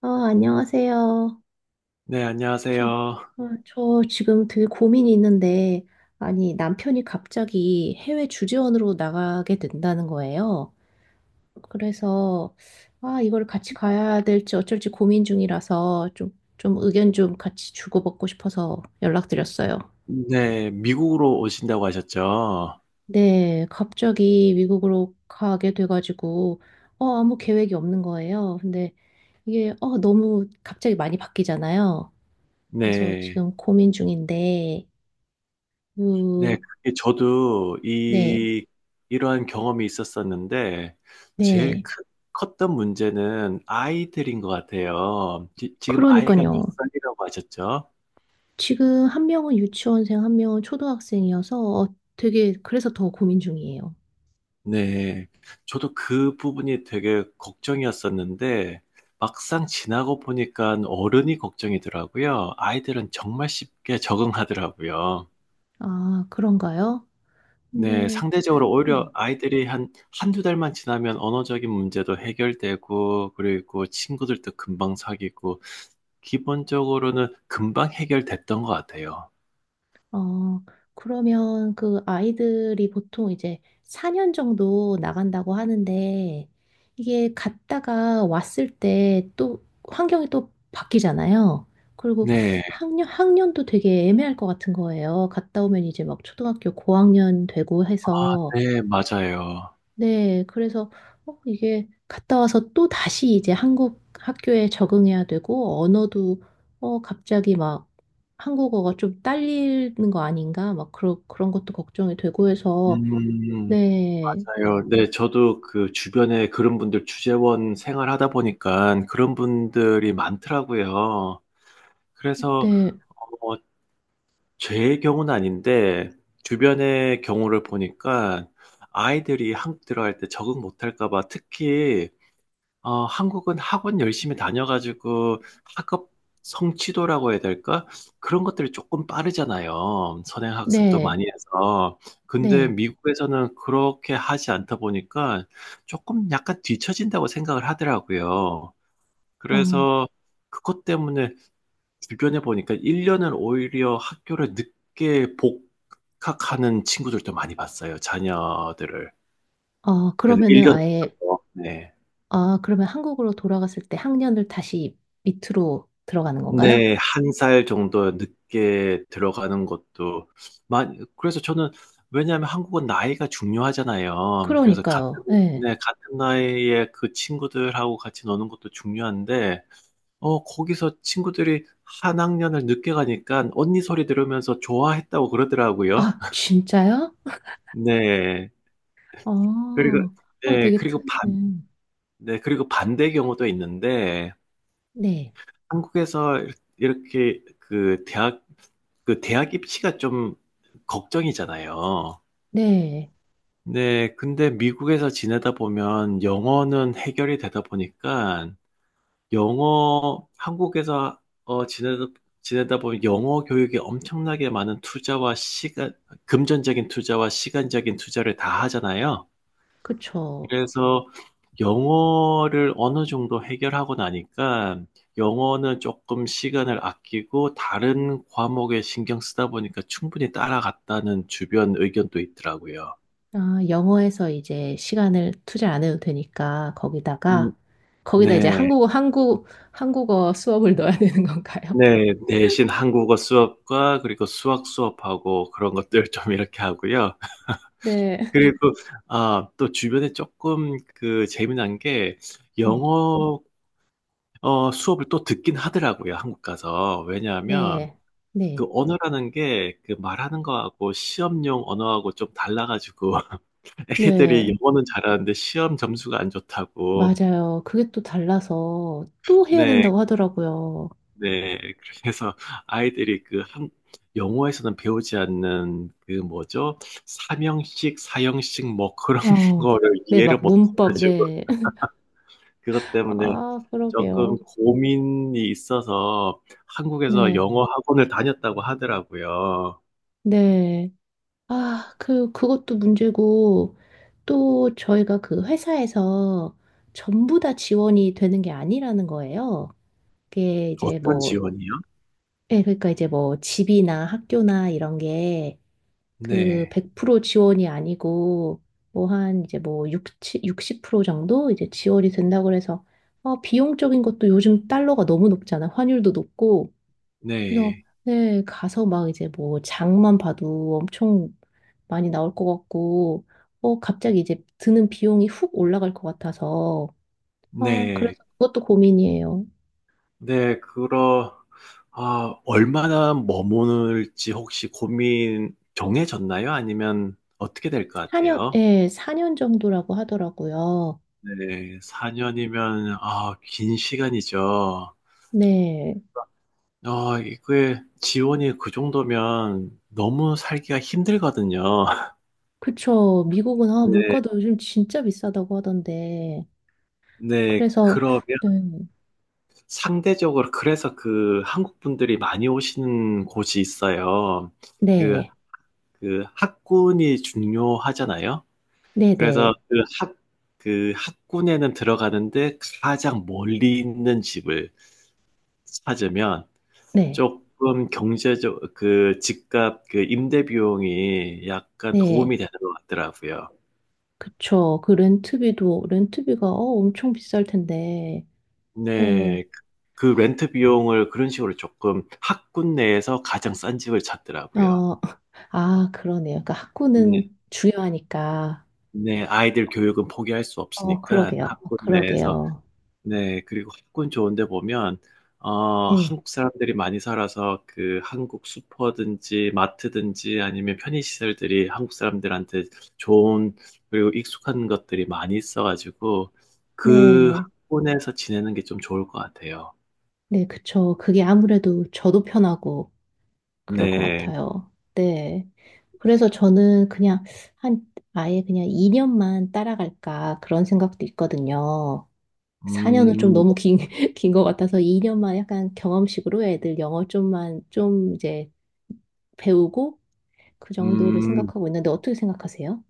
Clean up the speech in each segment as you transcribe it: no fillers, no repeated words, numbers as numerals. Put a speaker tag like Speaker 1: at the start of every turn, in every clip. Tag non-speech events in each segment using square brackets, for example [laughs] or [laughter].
Speaker 1: 아, 안녕하세요.
Speaker 2: 네,
Speaker 1: 저,
Speaker 2: 안녕하세요.
Speaker 1: 아, 저 지금 되게 고민이 있는데, 아니, 남편이 갑자기 해외 주재원으로 나가게 된다는 거예요. 그래서, 아, 이걸 같이 가야 될지 어쩔지 고민 중이라서 좀 의견 좀 같이 주고받고 싶어서 연락드렸어요.
Speaker 2: 네, 미국으로 오신다고 하셨죠?
Speaker 1: 네, 갑자기 미국으로 가게 돼가지고, 어, 아무 계획이 없는 거예요. 근데 이게, 어, 너무 갑자기 많이 바뀌잖아요. 그래서
Speaker 2: 네,
Speaker 1: 지금 고민 중인데,
Speaker 2: 네,
Speaker 1: 그,
Speaker 2: 그게 저도
Speaker 1: 네,
Speaker 2: 이러한 경험이 있었었는데, 제일
Speaker 1: 네.
Speaker 2: 크, 컸던 문제는 아이들인 것 같아요. 지금 아이가 몇
Speaker 1: 그러니까요.
Speaker 2: 살이라고 하셨죠?
Speaker 1: 지금 한 명은 유치원생, 한 명은 초등학생이어서 어, 되게, 그래서 더 고민 중이에요.
Speaker 2: 네, 저도 그 부분이 되게 걱정이었었는데, 막상 지나고 보니까 어른이 걱정이더라고요. 아이들은 정말 쉽게 적응하더라고요.
Speaker 1: 아, 그런가요?
Speaker 2: 네,
Speaker 1: 네,
Speaker 2: 상대적으로
Speaker 1: 네.
Speaker 2: 오히려 아이들이 한 한두 달만 지나면 언어적인 문제도 해결되고, 그리고 친구들도 금방 사귀고, 기본적으로는 금방 해결됐던 것 같아요.
Speaker 1: 어, 그러면 그 아이들이 보통 이제 4년 정도 나간다고 하는데 이게 갔다가 왔을 때 또 환경이 또 바뀌잖아요. 그리고
Speaker 2: 네,
Speaker 1: 학년도 되게 애매할 것 같은 거예요. 갔다 오면 이제 막 초등학교 고학년 되고 해서
Speaker 2: 네, 맞아요.
Speaker 1: 네, 그래서 어, 이게 갔다 와서 또 다시 이제 한국 학교에 적응해야 되고 언어도 어, 갑자기 막 한국어가 좀 딸리는 거 아닌가 막 그런 것도 걱정이 되고 해서
Speaker 2: 음,
Speaker 1: 네,
Speaker 2: 맞아요. 네, 저도 그 주변에 그런 분들 주재원 생활하다 보니까 그런 분들이 많더라고요. 그래서
Speaker 1: 네,
Speaker 2: 어, 제 경우는 아닌데 주변의 경우를 보니까 아이들이 한국 들어갈 때 적응 못할까 봐 특히 한국은 학원 열심히 다녀가지고 학업 성취도라고 해야 될까? 그런 것들이 조금 빠르잖아요. 선행학습도
Speaker 1: 네,
Speaker 2: 많이 해서. 근데
Speaker 1: 네.
Speaker 2: 미국에서는 그렇게 하지 않다 보니까 조금 약간 뒤처진다고 생각을 하더라고요.
Speaker 1: 어,
Speaker 2: 그래서 그것 때문에 주변에 보니까 1년을 오히려 학교를 늦게 복학하는 친구들도 많이 봤어요, 자녀들을.
Speaker 1: 아
Speaker 2: 그래서
Speaker 1: 그러면은
Speaker 2: 1년
Speaker 1: 아예
Speaker 2: 늦춰서 네.
Speaker 1: 아 그러면 한국으로 돌아갔을 때 학년을 다시 밑으로 들어가는 건가요?
Speaker 2: 네. 한 살 정도 늦게 들어가는 것도 많이, 그래서 저는, 왜냐하면 한국은 나이가 중요하잖아요. 그래서 같은,
Speaker 1: 그러니까요. 네.
Speaker 2: 네, 같은 나이에 그 친구들하고 같이 노는 것도 중요한데 거기서 친구들이 한 학년을 늦게 가니까 언니 소리 들으면서 좋아했다고 그러더라고요.
Speaker 1: 아 진짜요?
Speaker 2: 네.
Speaker 1: 어,
Speaker 2: 그리고,
Speaker 1: 어
Speaker 2: 네,
Speaker 1: 되게 특,
Speaker 2: 그리고 반, 네, 그리고 반대 경우도 있는데,
Speaker 1: 네.
Speaker 2: 한국에서 이렇- 게 그 대학, 그 대학 입시가 좀 걱정이잖아요.
Speaker 1: 네,
Speaker 2: 네, 근데 미국에서 지내다 보면 영어는 해결이 되다 보니까, 영어, 한국에서 지내다 보면 영어 교육에 엄청나게 많은 투자와 시간, 금전적인 투자와 시간적인 투자를 다 하잖아요.
Speaker 1: 그쵸.
Speaker 2: 그래서 영어를 어느 정도 해결하고 나니까 영어는 조금 시간을 아끼고 다른 과목에 신경 쓰다 보니까 충분히 따라갔다는 주변 의견도 있더라고요.
Speaker 1: 아, 영어에서 이제 시간을 투자 안 해도 되니까
Speaker 2: 음,
Speaker 1: 거기다가 거기다 이제
Speaker 2: 네.
Speaker 1: 한국어 수업을 [laughs] 넣어야 되는 건가요?
Speaker 2: 네, 대신 한국어 수업과 그리고 수학 수업하고 그런 것들 좀 이렇게 하고요.
Speaker 1: 네.
Speaker 2: 그리고 아, 또 주변에 조금 그 재미난 게
Speaker 1: 네,
Speaker 2: 영어, 수업을 또 듣긴 하더라고요, 한국 가서. 왜냐하면
Speaker 1: 네,
Speaker 2: 그
Speaker 1: 네,
Speaker 2: 언어라는 게 그 말하는 거하고 시험용 언어하고 좀 달라가지고 [laughs] 애기들이
Speaker 1: 네,
Speaker 2: 영어는 잘하는데 시험 점수가 안 좋다고.
Speaker 1: 맞아요. 그게 또 달라서 또 해야
Speaker 2: 네,
Speaker 1: 된다고 하더라고요.
Speaker 2: 네. 그래서 아이들이 그 한, 영어에서는 배우지 않는 그 뭐죠? 삼형식, 사형식 뭐 그런 [laughs]
Speaker 1: 어,
Speaker 2: 거를
Speaker 1: 네,
Speaker 2: 이해를
Speaker 1: 막 문법,
Speaker 2: 못해가지고
Speaker 1: 네. [laughs]
Speaker 2: 그것 때문에
Speaker 1: 아,
Speaker 2: 조금
Speaker 1: 그러게요.
Speaker 2: 고민이 있어서 한국에서
Speaker 1: 네,
Speaker 2: 영어 학원을 다녔다고 하더라고요.
Speaker 1: 네. 아, 그, 그것도 문제고, 또 저희가 그 회사에서 전부 다 지원이 되는 게 아니라는 거예요. 그게 이제
Speaker 2: 어떤
Speaker 1: 뭐,
Speaker 2: 지원이요?
Speaker 1: 예, 그러니까 이제 뭐 집이나 학교나 이런 게 그
Speaker 2: 네,
Speaker 1: 100% 지원이 아니고 뭐 한 이제 뭐 60, 정도 이제 지원이 된다고 그래서 어, 비용적인 것도 요즘 달러가 너무 높잖아. 환율도 높고. 그래서
Speaker 2: 네.
Speaker 1: 네, 가서 막 이제 뭐 장만 봐도 엄청 많이 나올 것 같고, 어, 갑자기 이제 드는 비용이 훅 올라갈 것 같아서, 아,
Speaker 2: 네.
Speaker 1: 그래서 그것도 고민이에요.
Speaker 2: 네, 그러, 아, 얼마나 머무를지 혹시 고민 정해졌나요? 아니면 어떻게 될 것
Speaker 1: 4년,
Speaker 2: 같아요?
Speaker 1: 예, 사 년 정도라고 하더라고요.
Speaker 2: 네, 4년이면, 아, 긴 시간이죠.
Speaker 1: 네.
Speaker 2: 아, 이게 지원이 그 정도면 너무 살기가 힘들거든요. [laughs]
Speaker 1: 그쵸. 미국은, 아,
Speaker 2: 네,
Speaker 1: 물가도 요즘 진짜 비싸다고 하던데.
Speaker 2: 네,
Speaker 1: 그래서,
Speaker 2: 그러면
Speaker 1: 음,
Speaker 2: 상대적으로, 그래서 그 한국 분들이 많이 오시는 곳이 있어요. 그,
Speaker 1: 네,
Speaker 2: 그 학군이 중요하잖아요.
Speaker 1: 네,
Speaker 2: 그래서
Speaker 1: 네,
Speaker 2: 그 학군에는 들어가는데 가장 멀리 있는 집을 찾으면
Speaker 1: 네,
Speaker 2: 조금 경제적, 그 집값, 그 임대 비용이 약간
Speaker 1: 네.
Speaker 2: 도움이 되는 것 같더라고요.
Speaker 1: 그쵸. 그 렌트비가, 어, 엄청 비쌀 텐데. 네.
Speaker 2: 네. 그 렌트 비용을 그런 식으로 조금 학군 내에서 가장 싼 집을 찾더라고요.
Speaker 1: 어, [laughs] 아, 그러네요. 그러니까
Speaker 2: 네.
Speaker 1: 학구는 중요하니까.
Speaker 2: 네. 아이들 교육은 포기할 수
Speaker 1: 어,
Speaker 2: 없으니까
Speaker 1: 그러게요. 어,
Speaker 2: 학군 내에서.
Speaker 1: 그러게요.
Speaker 2: 네, 그리고 학군 좋은데 보면,
Speaker 1: 네,
Speaker 2: 한국 사람들이 많이 살아서 그 한국 슈퍼든지 마트든지 아니면 편의시설들이 한국 사람들한테 좋은, 그리고 익숙한 것들이 많이 있어가지고 그
Speaker 1: 네,
Speaker 2: 학군에서 지내는 게 좀 좋을 것 같아요.
Speaker 1: 네, 그쵸. 그게 아무래도 저도 편하고 그럴 것
Speaker 2: 네,
Speaker 1: 같아요. 네. 그래서 저는 그냥 한, 아예 그냥 2년만 따라갈까 그런 생각도 있거든요. 4년은 좀
Speaker 2: 음,
Speaker 1: 너무 긴, [laughs] 긴 것 같아서 2년만 약간 경험식으로 애들 영어 좀만 좀 이제 배우고 그 정도를
Speaker 2: 음,
Speaker 1: 생각하고 있는데 어떻게 생각하세요?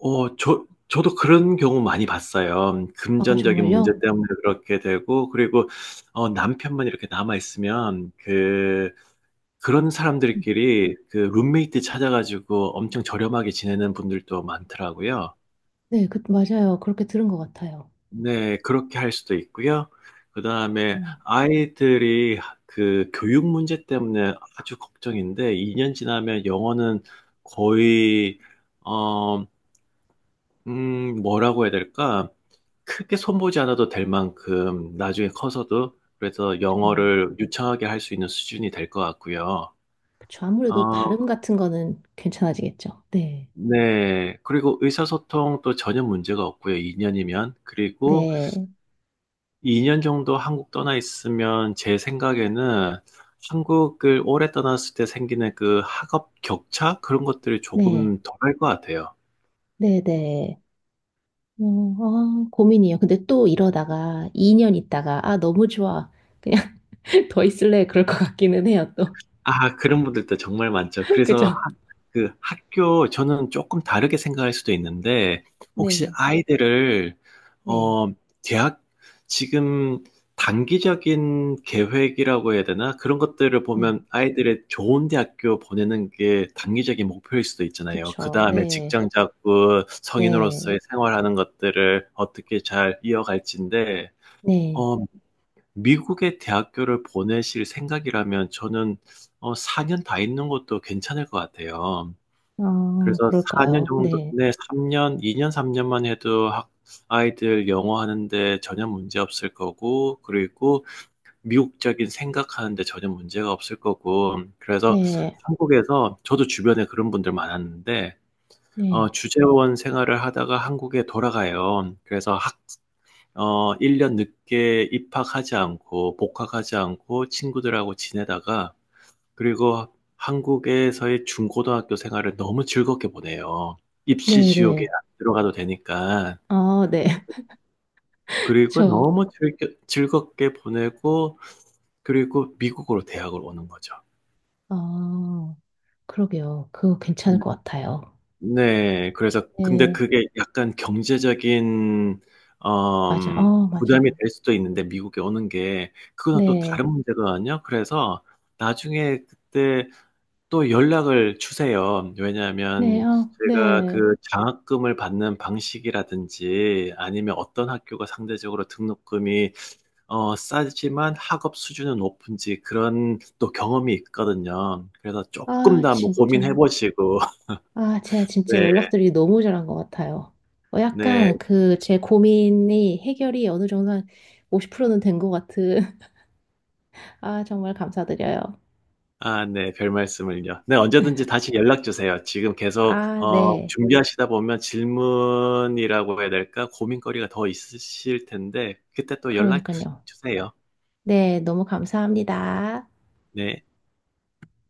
Speaker 2: 저도 그런 경우 많이 봤어요.
Speaker 1: 아,
Speaker 2: 금전적인 문제
Speaker 1: 정말요?
Speaker 2: 때문에 그렇게 되고, 그리고 남편만 이렇게 남아 있으면 그런
Speaker 1: 음.
Speaker 2: 사람들끼리 그 룸메이트 찾아 가지고 엄청 저렴하게 지내는 분들도 많더라고요.
Speaker 1: 네, 그, 맞아요. 그렇게 들은 것 같아요.
Speaker 2: 네. 그렇게 할 수도 있고요. 그다음에
Speaker 1: 음,
Speaker 2: 아이들이 하 그 교육 문제 때문에 아주 걱정인데 2년 지나면 영어는 거의 어 뭐라고 해야 될까? 크게 손보지 않아도 될 만큼 나중에 커서도, 그래서
Speaker 1: 저,
Speaker 2: 영어를 유창하게 할 수 있는 수준이 될 것 같고요.
Speaker 1: 그쵸. 아무래도
Speaker 2: 어
Speaker 1: 발음 같은 거는 괜찮아지겠죠. 네.
Speaker 2: 네. 그리고 의사소통도 전혀 문제가 없고요, 2년이면. 그리고
Speaker 1: 네.
Speaker 2: 2년 정도 한국 떠나 있으면 제 생각에는 한국을 오래 떠났을 때 생기는 그 학업 격차? 그런 것들이
Speaker 1: 네.
Speaker 2: 조금 덜 할 것 같아요.
Speaker 1: 네. 네. 어, 아, 고민이에요. 근데 또 이러다가 2년 있다가, 아, 너무 좋아. 그냥 [laughs] 더 있을래. 그럴 것 같기는 해요, 또.
Speaker 2: 아, 그런 분들도 정말 많죠.
Speaker 1: [laughs]
Speaker 2: 그래서
Speaker 1: 그죠?
Speaker 2: 하- 그 학교, 저는 조금 다르게 생각할 수도 있는데, 혹시
Speaker 1: 네.
Speaker 2: 아이들을,
Speaker 1: 네.
Speaker 2: 어, 대학, 지금 단기적인 계획이라고 해야 되나? 그런 것들을
Speaker 1: 네.
Speaker 2: 보면 아이들의 좋은 대학교 보내는 게 단기적인 목표일 수도 있잖아요. 그
Speaker 1: 그쵸.
Speaker 2: 다음에
Speaker 1: 네.
Speaker 2: 직장 잡고
Speaker 1: 네.
Speaker 2: 성인으로서의 생활하는 것들을 어떻게 잘 이어갈지인데,
Speaker 1: 네.
Speaker 2: 어, 미국의 대학교를 보내실 생각이라면 저는 4 년 다 있는 것도 괜찮을 것 같아요.
Speaker 1: 아,
Speaker 2: 그래서 4년
Speaker 1: 그럴까요?
Speaker 2: 정도
Speaker 1: 네.
Speaker 2: 네 3 년 2년 3 년만 해도 학 아이들 영어 하는데 전혀 문제 없을 거고, 그리고 미국적인 생각하는데 전혀 문제가 없을 거고, 그래서
Speaker 1: 네.
Speaker 2: 한국에서, 저도 주변에 그런 분들 많았는데
Speaker 1: 네.
Speaker 2: 주재원 생활을 하다가 한국에 돌아가요. 그래서 1년 늦게 입학하지 않고 복학하지 않고 친구들하고 지내다가 그리고 한국에서의 중고등학교 생활을 너무 즐겁게 보내요. 입시
Speaker 1: 네.
Speaker 2: 지옥에
Speaker 1: 네.
Speaker 2: 안 들어가도 되니까.
Speaker 1: 아, 네. [laughs]
Speaker 2: 그리고
Speaker 1: 그쵸.
Speaker 2: 즐겁게 보내고 그리고 미국으로 대학을 오는 거죠.
Speaker 1: 아, 그러게요. 그거 괜찮을
Speaker 2: 음.
Speaker 1: 것 같아요.
Speaker 2: 네. 그래서 근데
Speaker 1: 네.
Speaker 2: 그게 약간 경제적인
Speaker 1: 맞아.
Speaker 2: 엄
Speaker 1: 어,
Speaker 2: 부담이
Speaker 1: 맞아요.
Speaker 2: 될 수도 있는데, 미국에 오는 게 그거는 또
Speaker 1: 네,
Speaker 2: 다른 문제거든요. 그래서 나중에 그때 또 연락을 주세요.
Speaker 1: 네,
Speaker 2: 왜냐하면
Speaker 1: 아,
Speaker 2: 제가
Speaker 1: 네.
Speaker 2: 그 장학금을 받는 방식이라든지 아니면 어떤 학교가 상대적으로 등록금이 싸지만 학업 수준은 높은지, 그런 또 경험이 있거든요. 그래서 쪼끔
Speaker 1: 아,
Speaker 2: 더 한번 고민해
Speaker 1: 진짜.
Speaker 2: 보시고. [laughs]
Speaker 1: 아, 제가 진짜
Speaker 2: 네.
Speaker 1: 연락드리기 너무 잘한 것 같아요. 어,
Speaker 2: 네.
Speaker 1: 약간 그 제 고민이 해결이 어느 정도 한 50%는 된 것 같은. [laughs] 아, 정말 감사드려요.
Speaker 2: 아, 네. 별 말씀을요. 네, 언제든지 다시 연락 주세요. 지금 계속
Speaker 1: 아, 네.
Speaker 2: 준비하시다 보면 질문이라고 해야 될까? 고민거리가 더 있으실 텐데 그때 또 연락 주
Speaker 1: 그러니까요.
Speaker 2: 주세요.
Speaker 1: 네, 너무 감사합니다.
Speaker 2: 네.